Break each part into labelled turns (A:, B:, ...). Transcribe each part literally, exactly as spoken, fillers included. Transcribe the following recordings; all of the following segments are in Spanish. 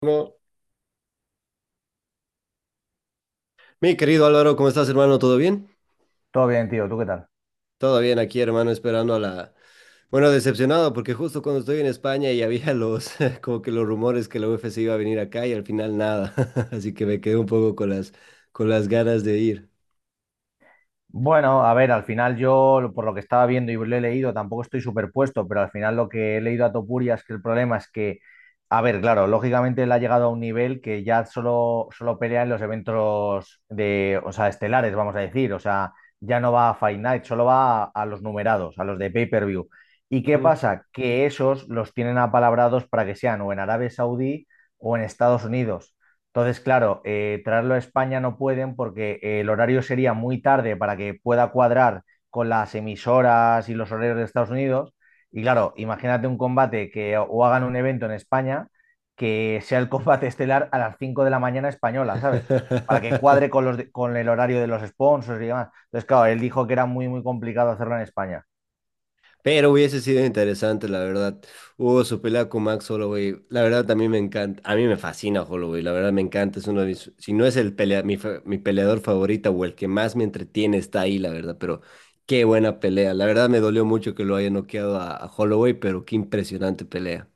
A: Bueno, mi querido Álvaro, ¿cómo estás, hermano? ¿Todo bien?
B: Todo bien, tío, ¿tú qué tal?
A: Todo bien aquí, hermano, esperando a la... Bueno, decepcionado, porque justo cuando estoy en España y había los, como que los rumores que la U F C iba a venir acá y al final nada. Así que me quedé un poco con las, con las ganas de ir.
B: Bueno, a ver, al final yo, lo- por lo que estaba viendo y lo he leído, tampoco estoy superpuesto, pero al final lo que he leído a Topuria es que el problema es que, a ver, claro, lógicamente él ha llegado a un nivel que ya solo, solo pelea en los eventos de, o sea, estelares, vamos a decir, o sea, ya no va a Fight Night, solo va a, a los numerados, a los de pay-per-view. ¿Y qué
A: Ujú.
B: pasa? Que esos los tienen apalabrados para que sean o en Arabia Saudí o en Estados Unidos. Entonces, claro, eh, traerlo a España no pueden porque eh, el horario sería muy tarde para que pueda cuadrar con las emisoras y los horarios de Estados Unidos. Y claro, imagínate un combate que o hagan un evento en España que sea el combate estelar a las cinco de la mañana española, ¿sabes? Para que cuadre con los de- con el horario de los sponsors y demás. Entonces, claro, él dijo que era muy, muy complicado hacerlo en España.
A: Pero hubiese sido interesante, la verdad. Hubo su pelea con Max Holloway. La verdad, también me encanta. A mí me fascina Holloway. La verdad, me encanta. Es uno de mis. Si no es el pelea, mi, fa- mi peleador favorita o el que más me entretiene, está ahí, la verdad. Pero qué buena pelea. La verdad, me dolió mucho que lo haya noqueado a, a Holloway, pero qué impresionante pelea.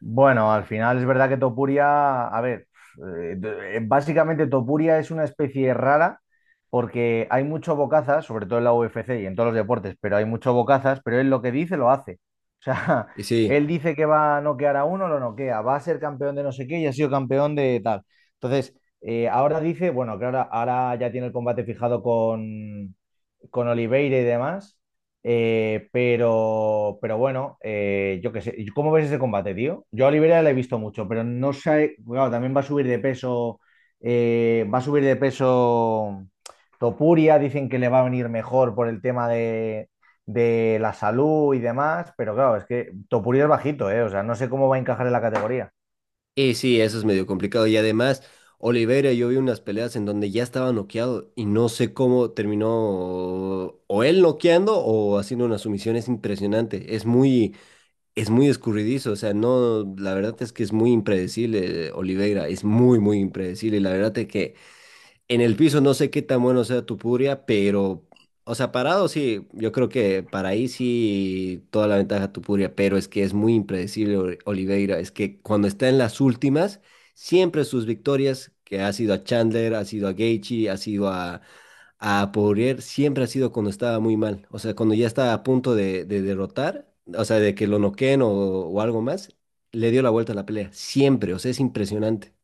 B: Bueno, al final es verdad que Topuria, a ver, eh, d- básicamente Topuria es una especie rara porque hay mucho bocazas, sobre todo en la U F C y en todos los deportes, pero hay mucho bocazas, pero él lo que dice lo hace. O sea,
A: Y sí,
B: él dice que va a noquear a uno, lo noquea, va a ser campeón de no sé qué y ha sido campeón de tal. Entonces, eh, ahora dice, bueno, claro, ahora ya tiene el combate fijado con, con Oliveira y demás. eh, pero, pero bueno, eh, yo qué sé. ¿Cómo ves ese combate, tío? Yo a Oliveira le he visto mucho, pero no sé. Claro, también va a subir de peso. Eh, va a subir de peso Topuria. Dicen que le va a venir mejor por el tema de, de la salud y demás. Pero claro, es que Topuria es bajito, ¿eh? O sea, no sé cómo va a encajar en la categoría.
A: Y sí, eso es medio complicado. Y además, Oliveira, yo vi unas peleas en donde ya estaba noqueado y no sé cómo terminó o él noqueando o haciendo una sumisión. Es impresionante. Es muy, es muy escurridizo. O sea, no, la verdad es que es muy impredecible, eh, Oliveira. Es muy, muy impredecible. Y la verdad es que en el piso no sé qué tan bueno sea tu puria, pero, o sea, parado sí, yo creo que para ahí sí toda la ventaja tu puria, pero es que es muy impredecible Ol- Oliveira, es que cuando está en las últimas, siempre sus victorias, que ha sido a Chandler, ha sido a Gaethje, ha sido a, a Poirier, siempre ha sido cuando estaba muy mal, o sea, cuando ya estaba a punto de, de derrotar, o sea, de que lo noqueen o, o algo más, le dio la vuelta a la pelea, siempre, o sea, es impresionante.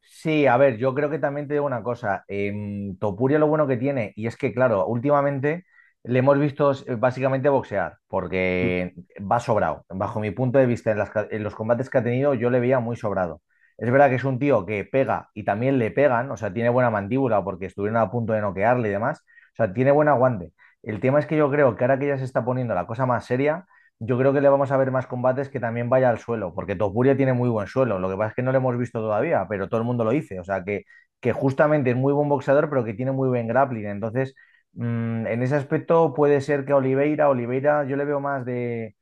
B: Sí, a ver, yo creo que también te digo una cosa. em, Topuria lo bueno que tiene, y es que, claro, últimamente le hemos visto eh, básicamente boxear, porque va sobrado. Bajo mi punto de vista, en, las ca- en los combates que ha tenido, yo le veía muy sobrado. Es verdad que es un tío que pega y también le pegan, o sea, tiene buena mandíbula porque estuvieron a punto de noquearle y demás. O sea, tiene buen aguante. El tema es que yo creo que ahora que ya se está poniendo la cosa más seria. Yo creo que le vamos a ver más combates que también vaya al suelo, porque Topuria tiene muy buen suelo. Lo que pasa es que no lo hemos visto todavía, pero todo el mundo lo dice. O sea, que, que justamente es muy buen boxeador, pero que tiene muy buen grappling. Entonces, mm, en ese aspecto puede ser que Oliveira, Oliveira, yo le veo más de,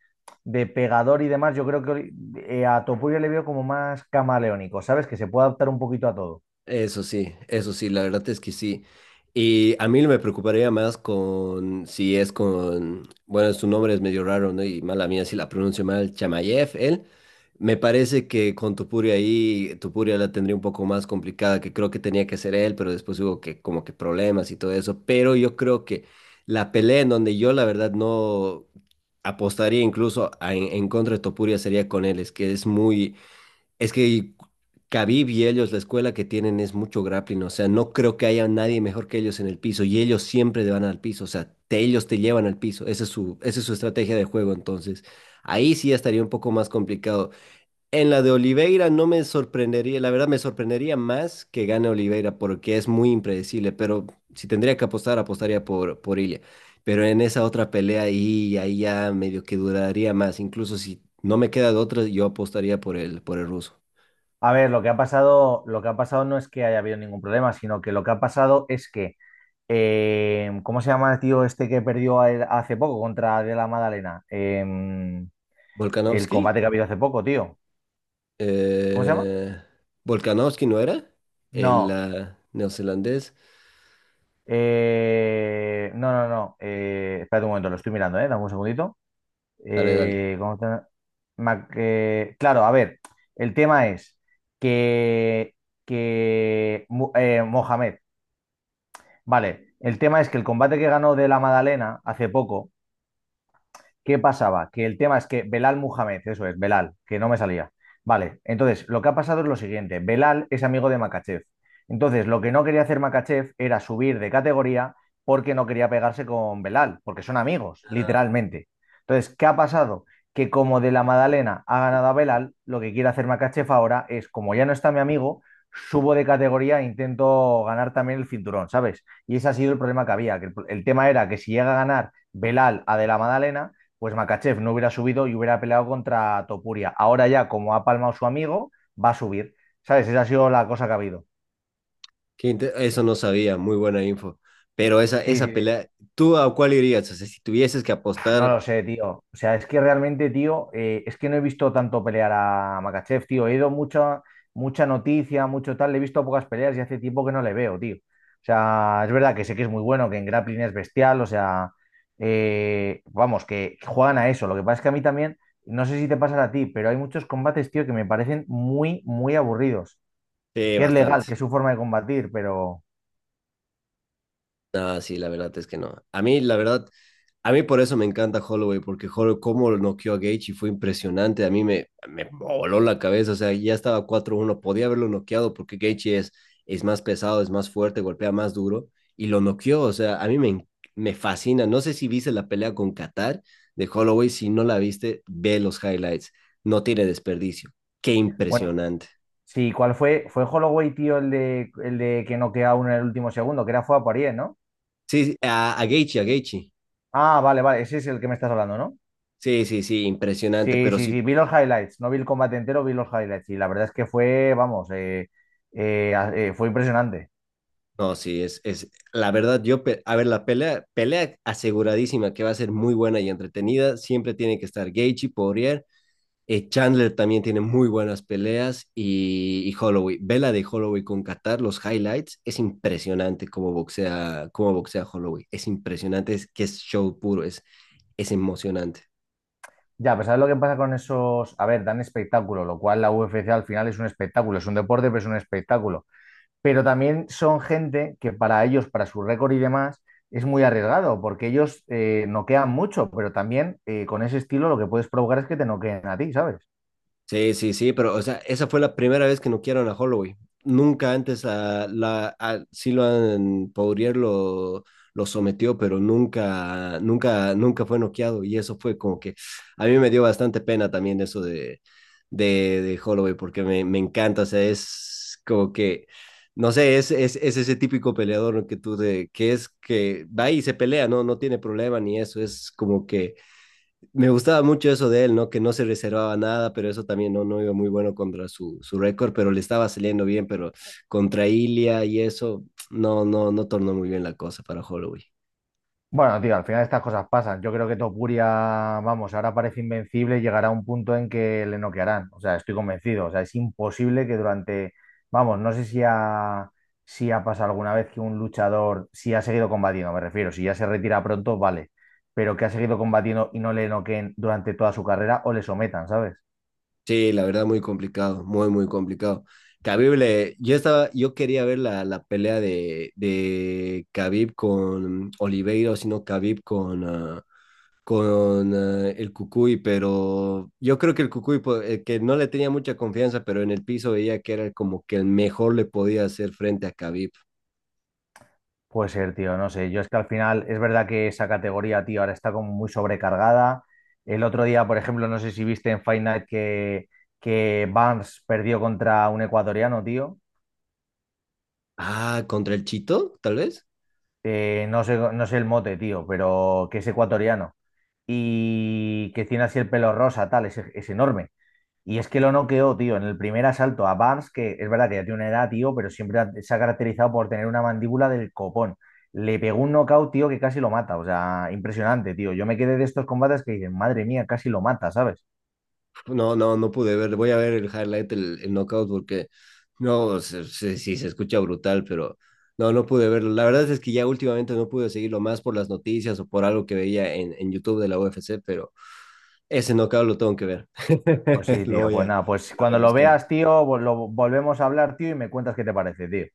B: de pegador y demás. Yo creo que Oli- eh, a Topuria le veo como más camaleónico, ¿sabes? Que se puede adaptar un poquito a todo.
A: Eso sí, eso sí, la verdad es que sí. Y a mí me preocuparía más con si es con, bueno, su nombre es medio raro, ¿no? Y mala mía si la pronuncio mal, Chamayev, él. Me parece que con Topuria ahí, Topuria la tendría un poco más complicada, que creo que tenía que ser él, pero después hubo que como que problemas y todo eso. Pero yo creo que la pelea en donde yo la verdad no apostaría incluso a- en, en contra de Topuria sería con él, es que es muy es que Khabib y ellos, la escuela que tienen es mucho grappling, o sea, no creo que haya nadie mejor que ellos en el piso y ellos siempre te van al piso, o sea, te- ellos te llevan al piso, esa es su, esa es su estrategia de juego, entonces ahí sí ya estaría un poco más complicado. En la de Oliveira no me sorprendería, la verdad me sorprendería más que gane Oliveira porque es muy impredecible, pero si tendría que apostar, apostaría por, por Ilia. Pero en esa otra pelea ahí, ahí ya medio que duraría más, incluso si no me queda de otra, yo apostaría por el, por el ruso.
B: A ver, lo que ha pasado, lo que ha pasado no es que haya habido ningún problema, sino que lo que ha pasado es que Eh, ¿cómo se llama el tío este que perdió a él hace poco contra De la Madalena? Em, el
A: Volkanovski.
B: combate que ha habido hace poco, tío. ¿Cómo se llama?
A: eh, Volkanovski, ¿no era? El
B: No.
A: ah, neozelandés.
B: Eh, no, no, no. Eh, espérate un momento, lo estoy mirando, ¿eh? Dame un segundito.
A: Dale, dale.
B: Eh, ¿cómo te- Mac- eh, claro, a ver, el tema es que, que Mu- eh, Mohamed, vale, el tema es que el combate que ganó De la Madalena hace poco. ¿Qué pasaba? Que el tema es que Belal Muhammad, eso es, Belal, que no me salía. Vale, entonces lo que ha pasado es lo siguiente: Belal es amigo de Makachev. Entonces, lo que no quería hacer Makachev era subir de categoría porque no quería pegarse con Belal, porque son amigos, literalmente. Entonces, ¿qué ha pasado? Que como de la Madalena ha ganado a Belal, lo que quiere hacer Makachev ahora es, como ya no está mi amigo, subo de categoría e intento ganar también el cinturón, ¿sabes? Y ese ha sido el problema que había, que el, el tema era que si llega a ganar Belal a de la Madalena, pues Makachev no hubiera subido y hubiera peleado contra Topuria. Ahora ya, como ha palmado su amigo, va a subir. ¿Sabes? Esa ha sido la cosa que ha habido.
A: Qué inte- Eso no sabía, muy buena info. Pero esa,
B: Sí, sí,
A: esa
B: sí.
A: pelea, ¿tú a cuál irías? O sea, si tuvieses que
B: No
A: apostar,
B: lo sé, tío. O sea, es que realmente, tío, eh, es que no he visto tanto pelear a Makachev, tío. He ido mucha, mucha noticia, mucho tal. Le he visto pocas peleas y hace tiempo que no le veo, tío. O sea, es verdad que sé que es muy bueno, que en grappling es bestial. O sea, eh, vamos, que juegan a eso. Lo que pasa es que a mí también, no sé si te pasa a ti, pero hay muchos combates, tío, que me parecen muy, muy aburridos.
A: eh,
B: Que es legal,
A: bastante.
B: que es su forma de combatir, pero
A: Ah, sí, la verdad es que no. A mí, la verdad, a mí por eso me encanta Holloway, porque Holloway, cómo lo noqueó a Gaethje fue impresionante. A mí me, me voló la cabeza. O sea, ya estaba cuatro uno, podía haberlo noqueado porque Gaethje es, es más pesado, es más fuerte, golpea más duro y lo noqueó. O sea, a mí me, me fascina. No sé si viste la pelea con Qatar de Holloway. Si no la viste, ve los highlights. No tiene desperdicio. Qué
B: bueno,
A: impresionante.
B: sí, ¿cuál fue? Fue Holloway, tío, el de, el de que noquea a uno en el último segundo, que era fue a Poirier, ¿no?
A: Sí, sí, a, a Gaethje, a Gaethje.
B: Ah, vale, vale, ese es el que me estás hablando, ¿no?
A: Sí, sí, sí, impresionante.
B: Sí,
A: Pero
B: sí,
A: sí,
B: sí, vi los highlights, no vi el combate entero, vi los highlights y la verdad es que fue, vamos, eh, eh, a- eh, fue impresionante.
A: no, sí, es, es la verdad, yo, pe- a ver, la pelea, pelea aseguradísima que va a ser muy buena y entretenida, siempre tiene que estar Gaethje, Poirier, eh, Chandler también tiene muy buenas peleas y, y Holloway, vela de Holloway con Qatar, los highlights, es impresionante cómo boxea, cómo boxea Holloway, es impresionante, es que es show puro, es, es emocionante.
B: Ya, pues ¿sabes lo que pasa con esos? A ver, dan espectáculo, lo cual la U F C al final es un espectáculo, es un deporte, pero es un espectáculo. Pero también son gente que para ellos, para su récord y demás, es muy arriesgado, porque ellos eh, noquean mucho, pero también eh, con ese estilo lo que puedes provocar es que te noqueen a ti, ¿sabes?
A: Sí, sí, sí, pero o sea, esa fue la primera vez que noquearon a Holloway. Nunca antes a la a Silvan Poirier lo, lo sometió, pero nunca, nunca, nunca fue noqueado. Y eso fue como que a mí me dio bastante pena también eso de, de, de Holloway, porque me, me encanta. O sea, es como que, no sé, es, es, es ese típico peleador que tú de, que es que va y se pelea, no, no tiene problema ni eso. Es como que me gustaba mucho eso de él, ¿no? Que no se reservaba nada, pero eso también no, no iba muy bueno contra su, su récord, pero le estaba saliendo bien, pero contra Ilia y eso, no, no, no tornó muy bien la cosa para Holloway.
B: Bueno, tío, al final estas cosas pasan. Yo creo que Topuria, vamos, ahora parece invencible y llegará un punto en que le noquearán. O sea, estoy convencido. O sea, es imposible que durante, vamos, no sé si ha, si ha pasado alguna vez que un luchador, si ha seguido combatiendo, me refiero, si ya se retira pronto, vale, pero que ha seguido combatiendo y no le noqueen durante toda su carrera o le sometan, ¿sabes?
A: Sí, la verdad, muy complicado, muy, muy complicado. Khabib, le- yo estaba, yo quería ver la, la pelea de, de Khabib con Oliveira, o si no, Khabib con, ah, con eh, el Cucuy, pero yo creo que el Cucuy, po- eh, que no le tenía mucha confianza, pero en el piso veía que era como que el mejor le podía hacer frente a Khabib.
B: Puede ser, tío, no sé. Yo es que al final es verdad que esa categoría, tío, ahora está como muy sobrecargada. El otro día, por ejemplo, no sé si viste en Fight Night que, que Barnes perdió contra un ecuatoriano, tío.
A: Ah, contra el Chito, tal vez.
B: Eh, no sé, no sé el mote, tío, pero que es ecuatoriano. Y que tiene así el pelo rosa, tal, es, es enorme. Y es que lo noqueó, tío, en el primer asalto a Barnes, que es verdad que ya tiene una edad, tío, pero siempre ha- se ha caracterizado por tener una mandíbula del copón. Le pegó un knockout, tío, que casi lo mata. O sea, impresionante, tío. Yo me quedé de estos combates que dicen, madre mía, casi lo mata, ¿sabes?
A: No, no, no pude ver. Voy a ver el highlight, el, el knockout, porque no, se- se- sí, se escucha brutal, pero no, no pude verlo. La verdad es que ya últimamente no pude seguirlo más por las noticias o por algo que veía en, en YouTube de la U F C, pero ese knockout lo tengo que ver.
B: Pues sí,
A: Lo
B: tío.
A: voy
B: Pues
A: a,
B: nada, pues
A: lo voy a
B: cuando lo
A: buscar.
B: veas, tío, vol- lo volvemos a hablar, tío, y me cuentas qué te parece, tío.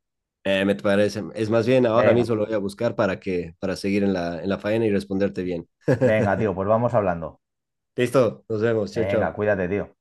A: Eh, me parece. Es más bien, ahora
B: Venga,
A: mismo lo voy a buscar para que, para seguir en la, en la faena y responderte bien.
B: venga, tío, pues vamos hablando.
A: Listo, nos vemos. Chao,
B: Venga,
A: chao.
B: cuídate, tío.